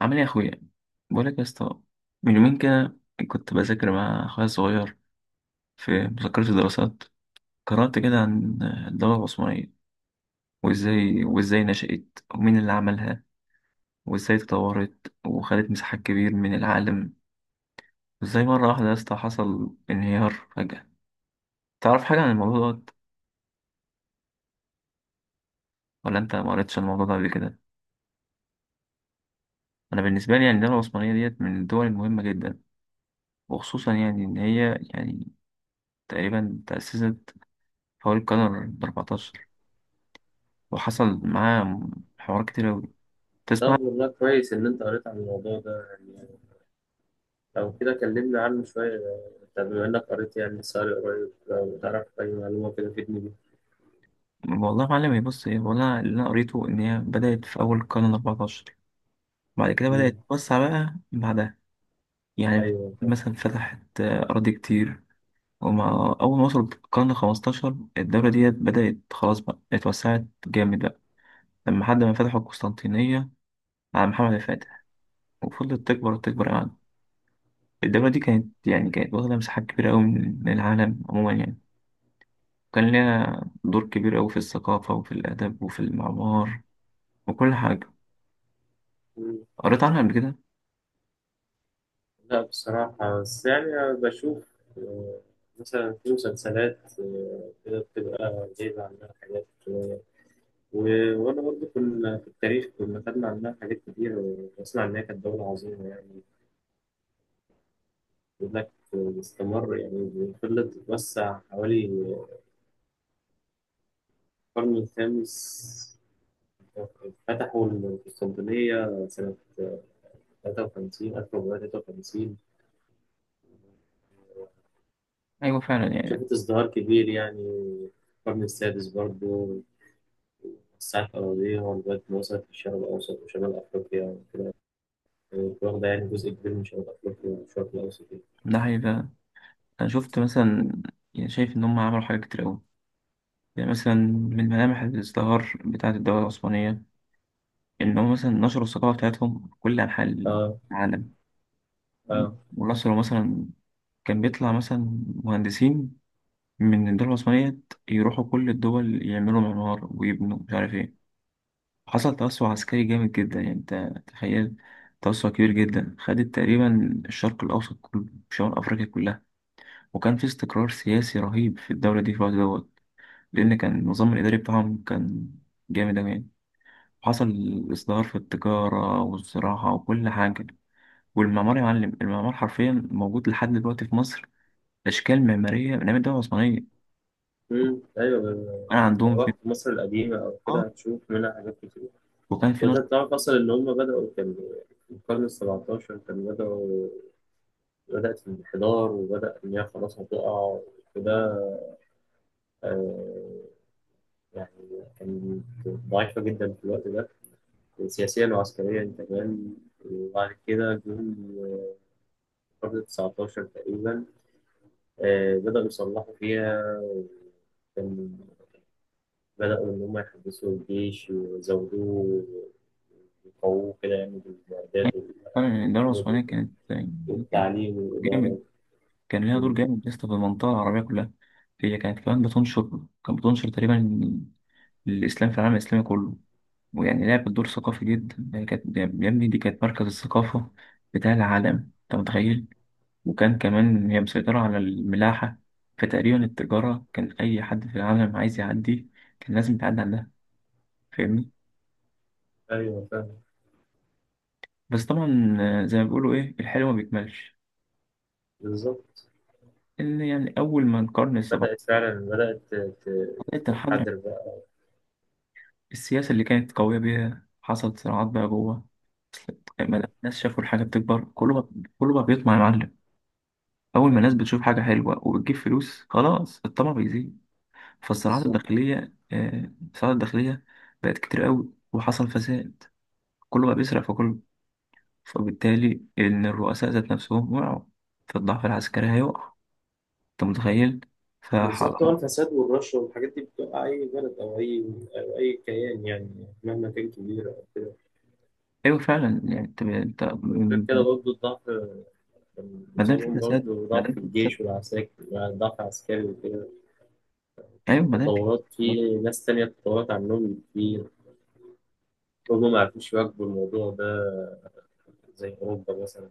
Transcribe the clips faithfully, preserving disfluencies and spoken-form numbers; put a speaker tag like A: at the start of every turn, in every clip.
A: عامل ايه يا اخويا؟ بقولك يا اسطى، من يومين كده كنت بذاكر مع اخويا الصغير في مذكرة الدراسات. قرأت كده عن الدولة العثمانية، وازاي وازاي نشأت، ومين اللي عملها، وازاي تطورت وخدت مساحات كبير من العالم، وازاي مرة واحدة يا اسطى حصل انهيار فجأة. تعرف حاجة عن الموضوع ده؟ ولا انت ما قريتش عن الموضوع ده قبل كده؟ انا بالنسبة لي يعني الدولة العثمانية ديت من الدول المهمة جدا، وخصوصا يعني ان هي يعني تقريبا تأسست حوالي القرن الأربعتاشر، وحصل معاه حوارات كتير أوي. تسمع؟
B: طب والله كويس إن أنت قريت عن الموضوع ده يعني. لو كده كلمنا عنه شوية. طب بما إنك قريت يعني ساري قريب، لو تعرف أي معلومة كده تفيدني بيها.
A: والله يا معلم، هي بص، ايه، والله اللي انا قريته ان هي بدأت في اول القرن الأربعتاشر، بعد كده بدأت
B: مم.
A: تتوسع بقى بعدها يعني.
B: أيوه طب.
A: مثلا فتحت آه، أراضي كتير، ومع أول ما وصلت القرن الخمستاشر الدولة ديت بدأت خلاص بقى اتوسعت جامد بقى، لما حد ما فتحوا القسطنطينية على محمد الفاتح، وفضلت تكبر وتكبر يعني. الدولة دي كانت يعني كانت واخدة مساحات كبيرة أوي من من العالم عموما يعني. كان ليها دور كبير أوي في الثقافة وفي الآداب وفي المعمار وكل حاجة.
B: مم.
A: قريت عنها قبل كده؟
B: لا بصراحة، بس يعني أنا بشوف، آه، مثلا في مسلسلات، آه، كده بتبقى جايبة عنها حاجات شوية. و- وأنا برضه كنا في التاريخ، كنا خدنا عنها حاجات كتير، وأسمع إن هي كانت دولة عظيمة يعني. بيقول لك استمر، يعني فضلت تتوسع حوالي القرن الخامس. فتحوا القسطنطينية سنة تلاتة وخمسين ألف وأربعمية وتلاتة وخمسين.
A: أيوة فعلا يعني.
B: شافت ازدهار كبير يعني. القرن السادس برضه وسعت أراضيها لغاية ما وصلت للشرق الأوسط وشمال أفريقيا وكده. يعني واخدة يعني جزء كبير من شمال أفريقيا والشرق الأوسط يعني.
A: ده حقيقة، أنا شفت مثلا، يعني شايف إن هم عملوا حاجات كتير أوي. يعني مثلا من ملامح الازدهار بتاعة الدولة العثمانية إن هم مثلا نشروا الثقافة بتاعتهم في كل أنحاء
B: اه.
A: العالم.
B: اه.
A: ونشروا مثلا، كان بيطلع مثلا مهندسين من الدولة العثمانية يروحوا كل الدول يعملوا معمار ويبنوا مش عارف إيه. حصل توسع عسكري جامد جدا، يعني انت تخيل، توسع كبير جدا. خدت تقريبا الشرق الأوسط كله، شمال أفريقيا كلها. وكان في استقرار سياسي رهيب في الدولة دي في الوقت دوت، لأن كان النظام الإداري بتاعهم كان جامد أوي يعني. حصل إصدار في التجارة والزراعة وكل حاجة، والمعمار يا معلم، المعمار حرفيا موجود لحد دلوقتي في مصر، أشكال معمارية من أيام الدولة العثمانية.
B: امم ايوه. لو
A: كان عندهم في،
B: رحت مصر القديمة أو كده هتشوف منها حاجات كتير.
A: وكان في
B: وده
A: نشاط.
B: تعرف أصلا إن هم بدأوا، كان في القرن السبعتاشر كانوا بدأوا. بدأت في الانحدار، وبدأ إن هي خلاص هتقع. وده آه، يعني كانت ضعيفة جدا في الوقت ده، سياسيا وعسكريا كمان. وبعد كده جم، آه، قرن تسعتاشر تقريبا. آه، بدأوا يصلحوا فيها. كان بدأوا إن هم يحدثوا الجيش ويزودوه ويقووه كده، يعني بالمعدات
A: فعلا الدولة
B: والجنود
A: العثمانية
B: وكده.
A: كانت يعني كانت
B: والتعليم والإدارة.
A: جامد. كان ليها دور جامد يا اسطى في المنطقة العربية كلها. هي كانت كمان بتنشر، كانت بتنشر تقريبا الإسلام في العالم الإسلامي كله. ويعني لعبت دور ثقافي جدا، هي كانت يا ابني، دي كانت مركز الثقافة بتاع العالم، أنت متخيل. وكان كمان هي مسيطرة على الملاحة، فتقريبا التجارة كان أي حد في العالم عايز يعدي كان لازم يتعدى عندها. فاهمني؟
B: أيوه فاهم.
A: بس طبعا آه، زي ما بيقولوا، إيه، الحلو ما بيكملش.
B: بالظبط.
A: إن يعني أول ما القرن السبعة
B: بدأت فعلا، بدأت ت- ت-
A: بدأت تنحدر،
B: تتحضر بقى.
A: السياسة اللي كانت قوية بيها حصلت صراعات بقى جوه. ما
B: مم.
A: دام الناس شافوا الحاجة بتكبر كله بقى، كله بقى بيطمع يا معلم. أول ما الناس
B: أيوة
A: بتشوف حاجة حلوة وبتجيب فلوس خلاص الطمع بيزيد. فالصراعات
B: بالظبط.
A: الداخلية، آه، الصراعات الداخلية بقت كتير قوي، وحصل فساد، كله بقى بيسرق في كله. فبالتالي إن الرؤساء ذات نفسهم وقعوا، فالضعف العسكري هيقع. أنت متخيل؟
B: بالظبط، هو
A: فحصل.
B: الفساد والرشوة والحاجات دي بتوقع أي بلد أو أي، أو أي كيان يعني، مهما كان كبير أو كده.
A: أيوه فعلا يعني. أنت أنت
B: وغير كده برضه الضعف، كان
A: ما دام في
B: بيصابهم
A: فساد،
B: برضه
A: ما
B: ضعف
A: دام
B: في
A: في فساد.
B: الجيش والعساكر، يعني ضعف عسكري وكده.
A: أيوه ما دام في
B: تطورات
A: فساد.
B: في ناس تانية تطورت عنهم كتير، هما ما عرفوش يواكبوا الموضوع ده. زي أوروبا مثلا،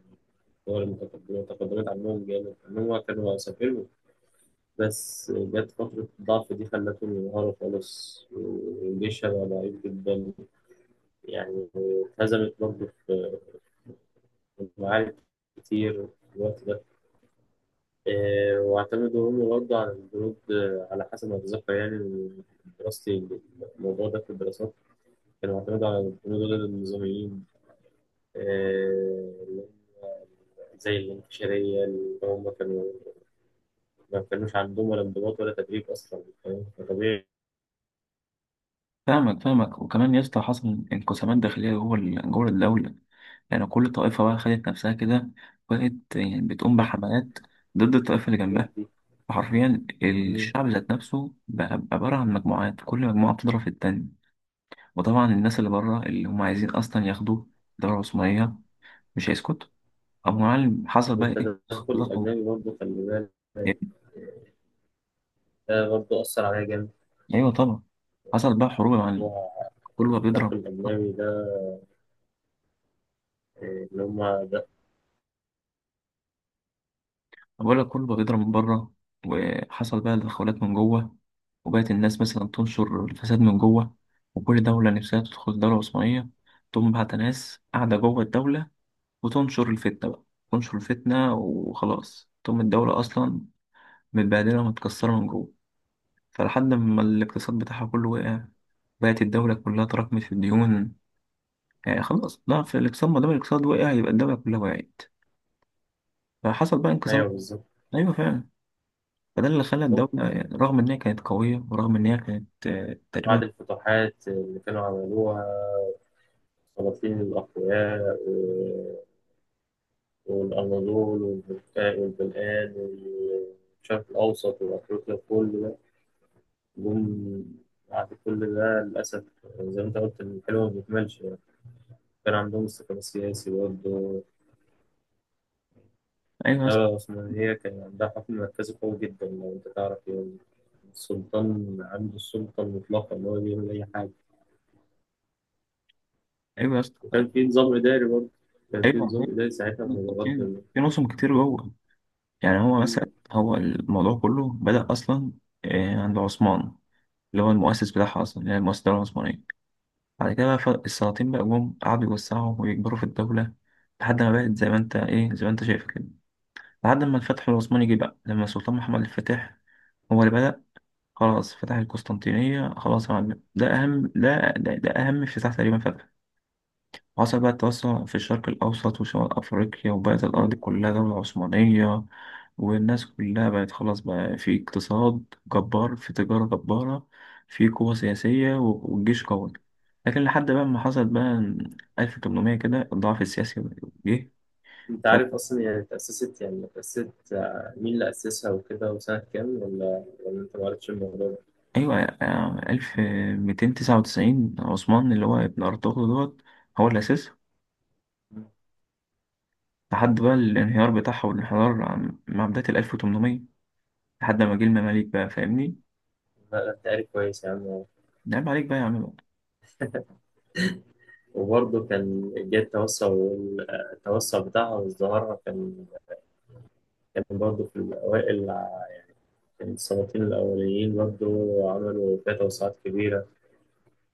B: الدول المتقدمة تقدمت عنهم جامد، إن هما كانوا عساكر بس جت فترة الضعف دي خلته ينهار خالص، وجيشها بقى ضعيف جدا. يعني اتهزمت برضه في معارك كتير في الوقت ده. آه، واعتمدوا هم برضه على الجنود، آه، على حسب ما أتذكر يعني من دراستي، الموضوع ده في الدراسات، كانوا اعتمدوا على الجنود ضد النظاميين، آه، اللي هم زي الانكشارية، اللي هم كانوا ما كانوش عندهم ولا انضباط ولا تدريب أصلا، فاهم؟ فطبيعي
A: فاهمك فاهمك، وكمان يا اسطى حصل انقسامات داخلية جوه ال- جوه الدولة. يعني كل طائفة بقى خدت نفسها كده، وبقت يعني بتقوم بحملات ضد الطائفة اللي جنبها.
B: الحاجات
A: فحرفيا
B: دي.
A: الشعب ذات نفسه بقى بقى عبارة عن مجموعات، كل مجموعة بتضرب في التانية. وطبعا الناس اللي بره اللي هم عايزين أصلا ياخدوا الدولة العثمانية مش هيسكتوا. أبو معلم حصل بقى إيه؟
B: والتدخل
A: تضخم.
B: الأجنبي برضه، خلي بالك ده برضه أثر عليا جامد
A: أيوه طبعا. حصل بقى حروب يا
B: في
A: معلم،
B: موضوع
A: كله بقى
B: التدخل
A: بيضرب.
B: الأجنبي ده، إيه، اللي هما ده.
A: بقول لك كله بقى بيضرب من بره، وحصل بقى تدخلات من جوه، وبقت الناس مثلا تنشر الفساد من جوه. وكل دولة نفسها تدخل الدولة العثمانية، تقوم بعت ناس قاعدة جوه الدولة وتنشر الفتنة بقى. تنشر الفتنة وخلاص تقوم الدولة أصلا متبهدلة ومتكسرة من جوه. فلحد ما الاقتصاد بتاعها كله وقع، بقت الدولة كلها تراكمت في الديون. يعني خلاص، لا، في الاقتصاد، ما دام الاقتصاد وقع يبقى الدولة كلها وقعت. فحصل بقى انقسام.
B: أيوه بالظبط.
A: أيوة فعلا. فده اللي خلى
B: بالظبط.
A: الدولة رغم إن هي كانت قوية، ورغم إن هي كانت آه، تقريبا.
B: بعد الفتوحات اللي كانوا عملوها السلاطين الأقوياء و- والأناضول والبلقان والبلقان والشرق الأوسط وأفريقيا، كل ده جم بعد كل ده للأسف. زي ما أنت قلت، الحلو ما بيكملش يعني. كان عندهم استقرار سياسي برضه.
A: أيوة يا اسطى.
B: اه، عثمانية كان عندها حكم مركزي قوي جدا، لو أنت تعرف يعني السلطان عنده السلطة المطلقة، إن هو بيعمل أي حاجة.
A: أيوة يا اسطى.
B: وكان في نظام إداري برضه، كان في
A: أيوة
B: نظام
A: هي-
B: إداري ساعتها
A: في
B: متقدم.
A: في نظم كتير جوه. يعني هو
B: مم.
A: مثلا، هو الموضوع كله بدأ أصلا آه، عند عثمان، اللي هو المؤسس بتاعها أصلا، اللي هي المؤسسة الدولة العثمانية. بعد كده بقى ف- السلاطين بقى جم قعدوا يوسعوا ويكبروا في الدولة، لحد ما بقت زي ما أنت، إيه، زي ما أنت شايف كده. لحد ما الفتح العثماني جه بقى، لما السلطان محمد الفاتح هو اللي بدأ. خلاص، فتح القسطنطينية، خلاص يا معلم، ده أهم ده ده, ده أهم افتتاح تقريبا، فتح. وحصل بقى التوسع في الشرق الأوسط وشمال أفريقيا، وبقت الأرض
B: مم.
A: كلها دولة عثمانية. والناس كلها بقت خلاص بقى، في اقتصاد جبار، في تجارة جبارة، في قوة سياسية، و- والجيش قوي. لكن لحد بقى ما حصل بقى ألف وثمانمية كده الضعف السياسي جه.
B: أنت
A: ف...
B: عارف أصلا يعني تأسست، يعني تأسست آه، مين اللي أسسها وكده، وسنة كام، ولا ولا أنت معرفتش الموضوع ده؟
A: أيوة. آه، ألف ومئتين وتسعة وتسعين عثمان اللي هو ابن أرطغرل دوت هو اللي أسسها.
B: مم.
A: لحد بقى الانهيار بتاعها والانحدار عم- مع بداية ال ألف وثمانمية. لحد ما جه المماليك بقى. فاهمني؟
B: لا لا، أنت عارف كويس يا عم.
A: نعم عليك بقى يا عم بقى.
B: وبرضه كان جه التوسع، وال- آه، التوسع بتاعها وازدهارها، كان كان برضه في الأوائل، السلاطين الأوليين برضو عملوا فيها توسعات كبيرة،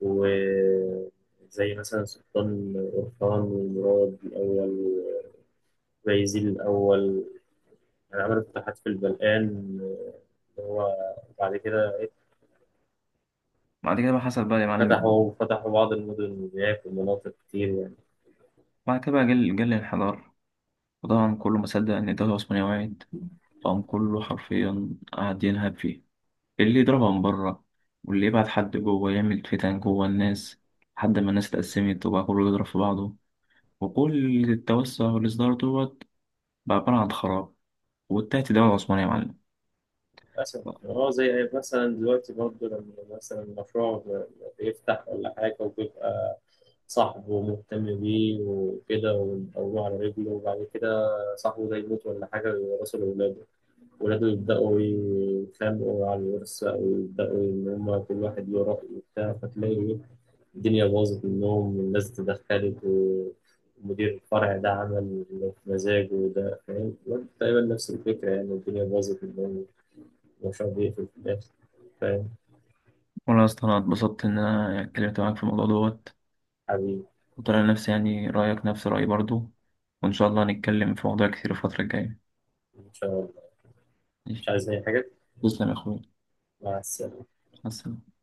B: وزي مثلا سلطان أورخان ومراد الأول وبايزيد الأول، يعني عملوا فتوحات في البلقان اللي هو بعد كده.
A: بعد كده بقى حصل بقى يا معلم،
B: فتحوا فتحوا بعض المدن هناك ومناطق كتير يعني.
A: بعد كده بقى جه جه الانحدار. وطبعا كله ما صدق إن الدولة العثمانية وقعت، فقام كله حرفيا قعد ينهب فيه، اللي يضربها من بره، واللي يبعت حد جوه يعمل فتن جوه الناس. لحد ما الناس اتقسمت، وبقى كله يضرب في بعضه، وكل التوسع والإصدار دوت بقى عبارة عن خراب، وانتهت الدولة العثمانية يا معلم.
B: للأسف. اه، زي مثلا دلوقتي برضه، لما مثلا مشروع بيفتح ولا حاجة، وبيبقى صاحبه مهتم بيه وكده ويقومه على رجله، وبعد كده صاحبه ده يموت ولا حاجة ويورثه لأولاده، ولاده يبدأوا يتخانقوا على الورث بقى، ويبدأوا إن هما كل واحد له رأي وبتاع، فتلاقي الدنيا باظت منهم والناس اتدخلت، ومدير الفرع ده عمل اللي في مزاجه وده، فاهم؟ تقريبا نفس الفكرة يعني، الدنيا باظت منهم، وشاء الله في الآخر. فاهم؟
A: والله يا اسطى انا اتبسطت ان انا اتكلمت معاك في الموضوع دوت،
B: حبيبي.
A: وطلع نفسي يعني رأيك نفس رأيي برضو. وإن شاء الله هنتكلم في مواضيع كتير الفترة الجاية.
B: إن شاء الله.
A: ماشي.
B: مش عايز أي حاجة.
A: تسلم يا أخوي.
B: مع السلامة.
A: مع السلامة.